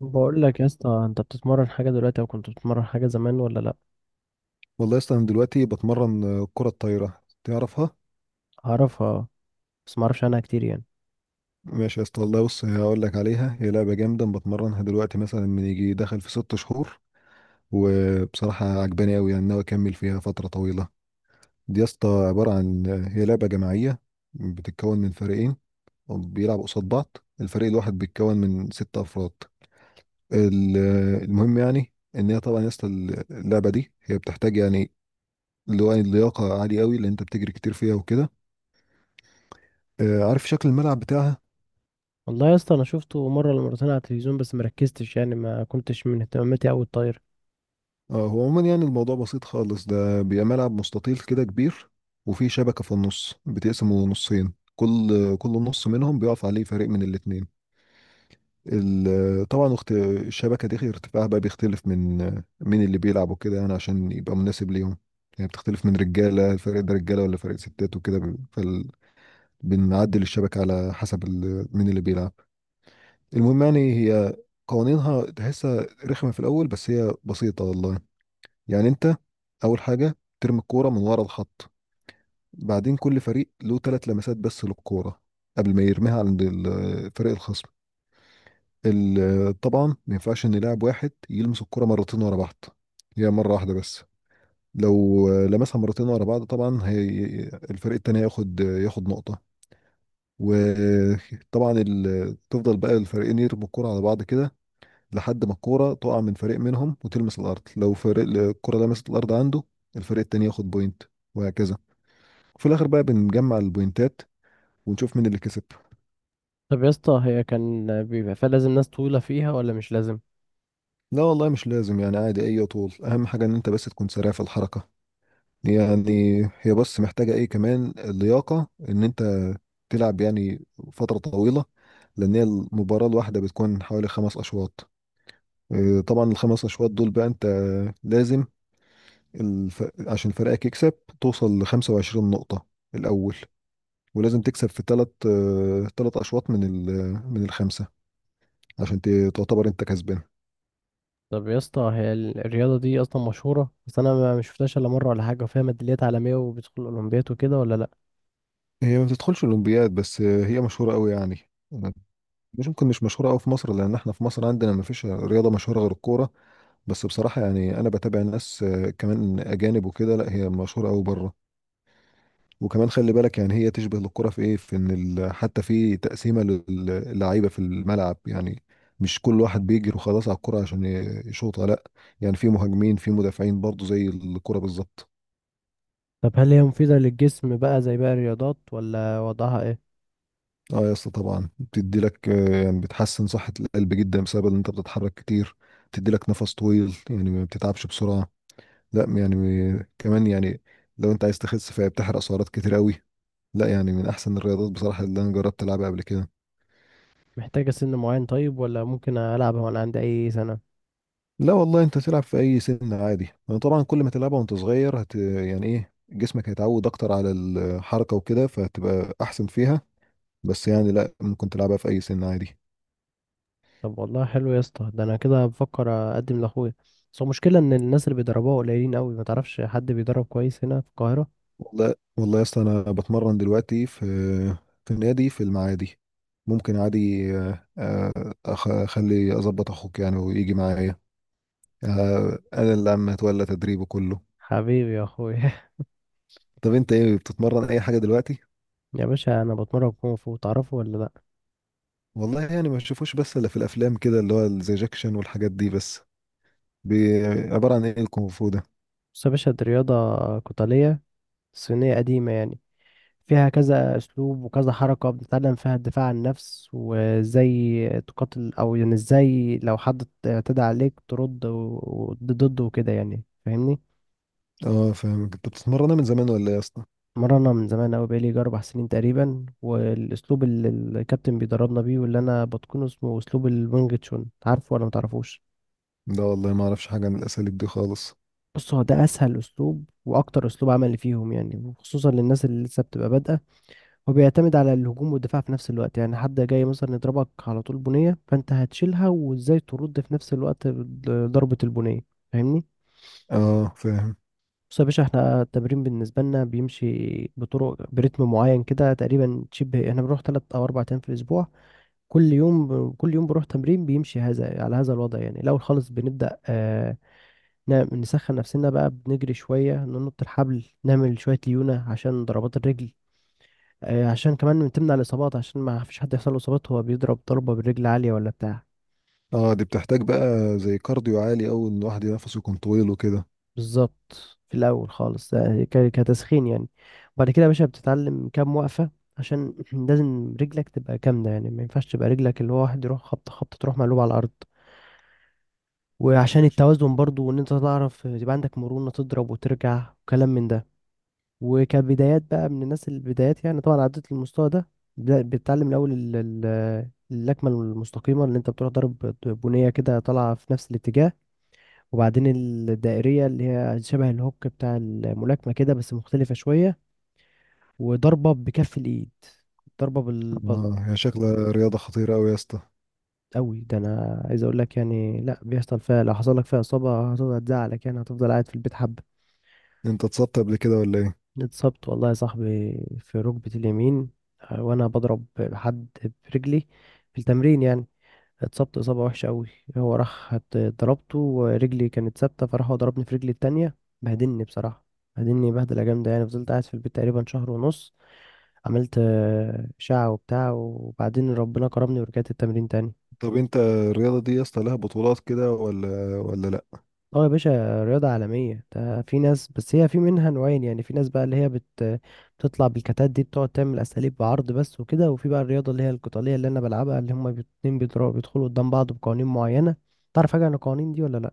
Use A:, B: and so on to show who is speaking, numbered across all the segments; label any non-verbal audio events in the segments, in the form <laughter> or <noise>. A: بقول لك يا اسطى، انت بتتمرن حاجه دلوقتي او كنت بتتمرن حاجه زمان ولا لا؟
B: والله يا اسطى، انا دلوقتي بتمرن، كرة الطايرة. تعرفها؟
A: اعرفها. بس ما اعرفش عنها كتير يعني.
B: ماشي يا اسطى، والله بص هقول لك عليها. هي لعبة جامدة بتمرنها دلوقتي مثلا من يجي دخل في 6 شهور. وبصراحة عجباني قوي، يعني ناوي اكمل فيها فترة طويلة. دي يا اسطى عبارة عن هي لعبة جماعية. بتتكون من فريقين. بيلعبوا قصاد بعض. الفريق الواحد بيتكون من ست افراد. ال- المهم يعني ان هي طبعا يا اسطى، اللعبة دي هي بتحتاج، يعني اللي هو اللياقة عالية قوي، لان انت بتجري كتير فيها وكده. عارف شكل الملعب بتاعها؟
A: والله يا اسطى، انا شفته مره ولا مرتين على التلفزيون بس مركزتش، يعني ما كنتش من اهتماماتي اوي الطايره.
B: اه، هو عموما يعني الموضوع بسيط خالص. ده بيبقى ملعب مستطيل كده كبير، وفيه شبكة في النص بتقسمه نصين. كل نص منهم بيقف عليه فريق من الاتنين. طبعا الشبكة دي ارتفاعها بقى بيختلف من اللي بيلعب وكده، يعني عشان يبقى مناسب ليهم. يعني بتختلف من رجالة، الفريق ده رجالة ولا فريق ستات وكده. بنعدل الشبكة على حسب مين اللي بيلعب. المهم يعني هي، قوانينها تحسها رخمة في الأول، بس هي بسيطة والله. يعني انت، اول حاجه ترمي الكوره من ورا الخط. بعدين كل فريق له ثلاث لمسات بس للكوره، قبل ما يرميها عند فريق الخصم. طبعا ما ينفعش ان لاعب واحد يلمس الكوره مرتين ورا بعض. هي مره واحده بس. لو لمسها مرتين ورا بعض، طبعا هي، الفريق التاني ياخد نقطه. وطبعا تفضل بقى الفريقين يرموا الكوره على بعض كده، لحد ما الكورة تقع من فريق منهم وتلمس الأرض. لو فريق الكورة لمست الأرض عنده، الفريق التاني ياخد بوينت، وهكذا. وفي الآخر بقى بنجمع البوينتات ونشوف مين اللي كسب.
A: طب يا اسطى، هي كان بيبقى فيها لازم ناس طويله فيها ولا مش لازم؟
B: لا والله مش لازم، يعني عادي أي طول. أهم حاجة إن أنت بس تكون سريع في الحركة. يعني هي بس محتاجة إيه كمان، اللياقة، إن أنت تلعب يعني فترة طويلة، لأن هي المباراة الواحدة بتكون حوالي خمس أشواط. طبعا الخمس أشواط دول بقى أنت لازم، عشان فريقك يكسب توصل ل 25 نقطة الأول. ولازم تكسب في ثلاث أشواط من من الخمسة، عشان تعتبر أنت كسبان.
A: طب يا اسطى، هي الرياضه دي اصلا مشهوره؟ بس انا ما شفتهاش الا مره ولا حاجه، وفيها ميداليات عالميه وبتدخل الاولمبياد وكده ولا لا؟
B: هي ما بتدخلش الأولمبياد، بس هي مشهورة قوي يعني. مش مشهورة قوي في مصر، لأن احنا في مصر عندنا ما فيش رياضة مشهورة غير الكورة. بس بصراحة يعني أنا بتابع ناس كمان أجانب وكده. لا، هي مشهورة قوي بره. وكمان خلي بالك، يعني هي تشبه الكرة في ايه، في ان حتى في تقسيمة للعيبة في الملعب يعني. مش كل واحد بيجري وخلاص على الكرة عشان يشوطها. لا، يعني في مهاجمين، في مدافعين، برضو زي الكرة بالظبط.
A: طب هل هي مفيده للجسم بقى زي باقي الرياضات ولا وضعها ايه؟
B: اه يا اسطى، طبعا بتدي لك يعني بتحسن صحة القلب جدا بسبب ان انت بتتحرك كتير. بتدي لك نفس طويل، يعني ما بتتعبش بسرعة. لا يعني، كمان يعني، لو انت عايز تخس فهي بتحرق سعرات كتير قوي. لا يعني، من احسن الرياضات بصراحة اللي انا جربت العبها قبل كده.
A: محتاجه سن معين طيب، ولا ممكن العبها وانا عندي اي سنه؟
B: لا والله، انت تلعب في اي سن عادي. انا طبعا كل ما تلعبها وانت صغير يعني ايه، جسمك هيتعود اكتر على الحركه وكده، فهتبقى احسن فيها. بس يعني لا، ممكن تلعبها في اي سن عادي.
A: طب والله حلو يا اسطى، ده انا كده بفكر اقدم لاخويا. بس هو المشكله ان الناس اللي بيدربوها قليلين قوي، ما تعرفش حد بيدرب كويس هنا في القاهره؟
B: والله يا اسطى، انا بتمرن دلوقتي في النادي في المعادي. ممكن عادي، اخلي اظبط اخوك يعني، ويجي معايا. انا اللي عم اتولى تدريبه كله.
A: حبيبي يا اخويا.
B: طب انت ايه بتتمرن اي حاجه دلوقتي؟
A: <laughs> يا باشا انا بتمرن كونغ فو، تعرفه ولا لا؟
B: والله يعني ما تشوفوش بس الا في الافلام كده، اللي هو زي جاكشن والحاجات دي بس. بي- عبارة عن ايه الكونغ فو ده؟
A: بس يا باشا دي رياضه قتاليه صينيه قديمه يعني. فيها كذا اسلوب وكذا حركه، بتتعلم فيها الدفاع عن النفس، وازاي تقاتل، او يعني ازاي لو حد اعتدى عليك ترد ضده وكده، يعني فاهمني.
B: اه فاهمك. انت بتتمرنها من زمان ولا ايه يا اسطى؟
A: مرنا من زمان أوي، بقالي يجي 4 سنين تقريبا. والأسلوب اللي الكابتن بيدربنا بيه واللي أنا بتقنه اسمه أسلوب الوينج تشون، عارفه ولا متعرفوش؟
B: لا والله ما اعرفش حاجة عن الاساليب دي خالص.
A: بص، هو ده أسهل أسلوب وأكتر أسلوب عملي فيهم يعني، وخصوصا للناس اللي لسه بتبقى بادئة. هو بيعتمد على الهجوم والدفاع في نفس الوقت. يعني حد جاي مثلا يضربك على طول بنية، فأنت هتشيلها وإزاي ترد في نفس الوقت ضربة البنية. فاهمني؟
B: اه، فاهم.
A: بص يا باشا، احنا التمرين بالنسبة لنا بيمشي بطرق برتم معين كده. تقريبا شبه، احنا بنروح 3 أو 4 أيام في الأسبوع. كل يوم كل يوم بروح تمرين بيمشي هذا على هذا الوضع. يعني الأول خالص بنبدأ نسخن نفسنا بقى، بنجري شوية، ننط الحبل، نعمل شوية ليونة عشان ضربات الرجل. آه، عشان كمان تمنع الإصابات، عشان ما فيش حد يحصل له إصابات وهو بيضرب ضربة بالرجل عالية ولا بتاع.
B: اه، دي بتحتاج بقى زي كارديو عالي، او ان الواحد نفسه يكون طويل وكده.
A: بالظبط، في الأول خالص ده كتسخين يعني. وبعد كده يا باشا بتتعلم كام وقفة، عشان <clears throat> لازم رجلك تبقى كاملة. يعني ما ينفعش تبقى رجلك اللي هو واحد يروح خبطة خبطة تروح مقلوبة على الأرض، وعشان التوازن برضو، وان انت تعرف يبقى عندك مرونة تضرب وترجع وكلام من ده. وكبدايات بقى، من الناس البدايات يعني، طبعا عدت المستوى ده. بتتعلم الاول اللكمة المستقيمة اللي انت بتروح ضرب بنية كده طالعة في نفس الاتجاه. وبعدين الدائرية، اللي هي شبه الهوك بتاع الملاكمة كده بس مختلفة شوية. وضربة بكف الايد، ضربة بالبل.
B: اه، هي شكلها رياضة خطيرة اوي يا اسطى.
A: قوي، ده انا عايز اقول لك يعني، لا بيحصل فيها، لو حصل لك فيها اصابة هتفضل هتزعلك يعني، هتفضل قاعد في البيت حبة.
B: انت اتصبت قبل كده ولا ايه؟
A: اتصبت والله يا صاحبي في ركبة اليمين. وانا بضرب حد برجلي في التمرين يعني. اتصبت اصابة وحشة قوي. هو راح ضربته، ورجلي كانت ثابتة، فراح هو ضربني في رجلي التانية. بهدلني بصراحة. بهدلني بهدلة جامدة يعني، فضلت قاعد في البيت تقريبا شهر ونص. عملت شعة وبتاع، وبعدين ربنا كرمني ورجعت التمرين تاني.
B: طب انت الرياضة دي يا اسطى لها بطولات كده ولا، لا؟
A: اه يا باشا، رياضة عالمية، ده في ناس، بس هي في منها نوعين يعني. في ناس بقى اللي هي بتطلع بالكتات دي، بتقعد تعمل أساليب بعرض بس وكده. وفي بقى الرياضة اللي هي القتالية اللي أنا بلعبها، اللي هما الاتنين بيضربوا بيدخلوا قدام بعض بقوانين معينة. تعرف حاجة عن القوانين دي ولا لأ؟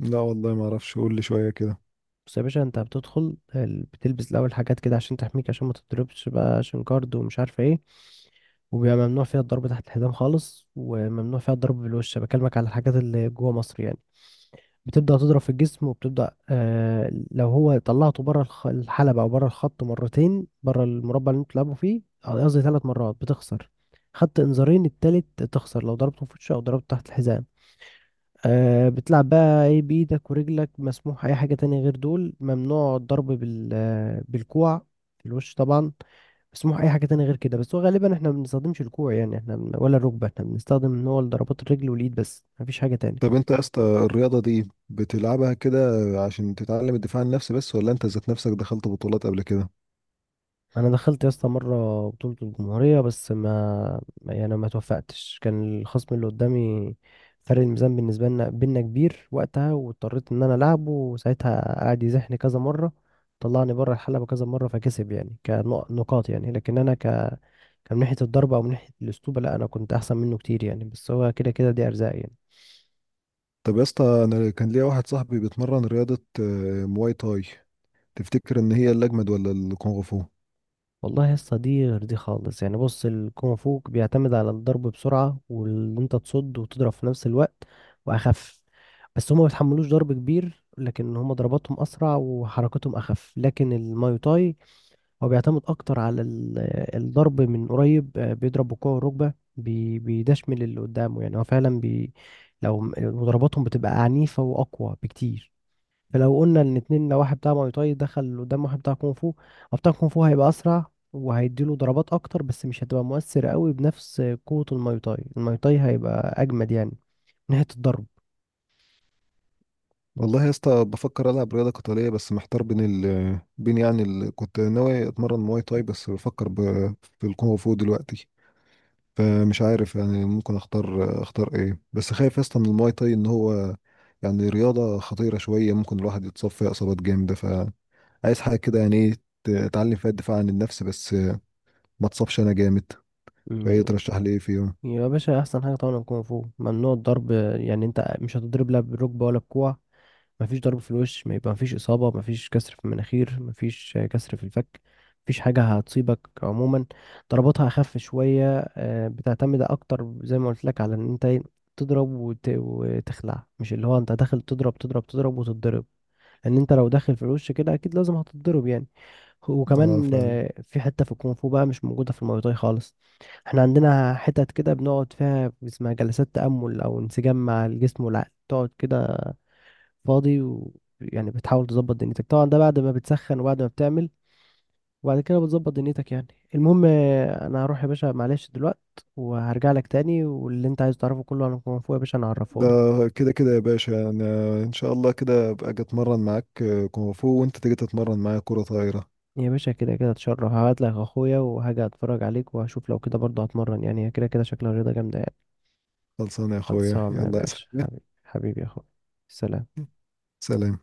B: لا والله ما اعرفش، قول لي شوية كده.
A: بس يا باشا، أنت بتدخل بتلبس الأول حاجات كده عشان تحميك، عشان ما تضربش بقى، عشان كارد ومش عارفة ايه. وبيبقى ممنوع فيها الضرب تحت الحزام خالص، وممنوع فيها الضرب بالوش. بكلمك على الحاجات اللي جوه مصر يعني. بتبدأ تضرب في الجسم، وبتبدأ لو هو طلعته بره الحلبة أو بره الخط مرتين، بره المربع اللي انتوا بتلعبوا فيه، قصدي 3 مرات، بتخسر. خدت انذارين، التالت تخسر. لو ضربته في وشه أو ضربته تحت الحزام، بتلعب بقى ايه، بإيدك ورجلك، مسموح أي حاجة تانية غير دول. ممنوع الضرب بالكوع في الوش طبعا. مسموح أي حاجة تانية غير كده، بس هو غالبا احنا ما بنستخدمش الكوع يعني. احنا ولا الركبة، احنا بنستخدم ان هو ضربات الرجل والإيد بس، مفيش حاجة
B: طب
A: تانية.
B: انت يا اسطى، الرياضة دي بتلعبها كده عشان تتعلم الدفاع عن النفس بس، ولا انت ذات نفسك دخلت بطولات قبل كده؟
A: انا دخلت يا اسطى مره بطوله الجمهوريه، بس يعني ما توفقتش. كان الخصم اللي قدامي، فرق الميزان بالنسبه لنا بينا كبير وقتها، واضطريت ان انا العبه. وساعتها قعد يزحني كذا مره، طلعني بره الحلبه كذا مره، فكسب يعني كنقاط. يعني لكن انا كان من ناحيه الضربه او من ناحيه الاسلوب، لا انا كنت احسن منه كتير يعني. بس هو كده كده دي ارزاق يعني.
B: طب يا اسطى، انا كان ليا واحد صاحبي بيتمرن رياضة مواي تاي. تفتكر ان هي الاجمد ولا الكونغ فو؟
A: والله يا اسطى، دي غير دي خالص يعني. بص، الكونغ فو بيعتمد على الضرب بسرعة، وان انت تصد وتضرب في نفس الوقت، واخف. بس هما ما بيتحملوش ضرب كبير. لكن هما ضرباتهم اسرع وحركتهم اخف. لكن الماي تاي هو بيعتمد اكتر على الضرب من قريب، بيضرب بالكوع والركبة، بيدشمل اللي قدامه. يعني هو فعلا لو ضرباتهم بتبقى عنيفة واقوى بكتير. فلو قلنا ان اتنين، لو واحد بتاع ماي تاي دخل قدام واحد بتاع كونغ فو، هو بتاع كونغ فو هيبقى اسرع وهيديله ضربات اكتر، بس مش هتبقى مؤثر قوي بنفس قوة الماي تاي. الماي تاي هيبقى اجمد يعني من ناحية الضرب.
B: والله يا اسطى بفكر العب رياضة قتالية، بس محتار بين يعني كنت ناوي اتمرن مواي تاي، بس بفكر في الكونغ فو دلوقتي. فمش عارف يعني، ممكن اختار ايه؟ بس خايف يا اسطى من المواي تاي ان هو يعني رياضة خطيرة شوية، ممكن الواحد يتصاب فيها اصابات جامدة. فعايز حاجة كده يعني، ايه، اتعلم فيها الدفاع عن النفس بس، ما اتصابش انا جامد. فايه
A: م-
B: ترشح لي ايه فيهم؟
A: يا باشا احسن حاجة طبعا الكونغ فو، ممنوع الضرب. يعني انت مش هتضرب لا بالركبة ولا بكوع، مفيش ضرب في الوش، ما يبقى مفيش إصابة، مفيش كسر في المناخير، مفيش كسر في الفك، مفيش حاجة هتصيبك عموما. ضرباتها أخف شوية، بتعتمد أكتر زي ما قلت لك على إن أنت إيه، تضرب وتخلع. مش اللي هو أنت داخل تضرب تضرب تضرب وتتضرب، لأن أنت لو داخل في الوش كده أكيد لازم هتتضرب يعني.
B: اه،
A: وكمان
B: فعلا.
A: في حتة في الكونغ فو بقى مش موجودة في المواي تاي خالص. احنا عندنا حتت كده بنقعد فيها، اسمها جلسات تأمل أو انسجام مع الجسم والعقل. تقعد كده فاضي، ويعني بتحاول تظبط دنيتك. طبعا ده بعد ما بتسخن وبعد ما بتعمل، وبعد كده بتظبط دنيتك يعني. المهم انا هروح يا باشا، معلش دلوقت، وهرجع لك تاني، واللي انت عايز تعرفه كله عن كونغ فو يا باشا انا هعرفه
B: ده
A: لك.
B: كده كده يا باشا، انا ان شاء الله كده ابقى اجي اتمرن معاك كونغ فو، وانت تيجي تتمرن معايا كرة طايرة.
A: يا باشا كده كده اتشرف، هبعت لك اخويا وهاجي اتفرج عليك، وهشوف لو كده برضه هتمرن، يعني هي كده كده شكلها رياضة جامدة يعني.
B: خلصانه يا اخويا.
A: خلصانة يا
B: يلا يا
A: باشا،
B: سلام.
A: حبيبي. حبيبي يا اخويا. سلام.
B: سلام.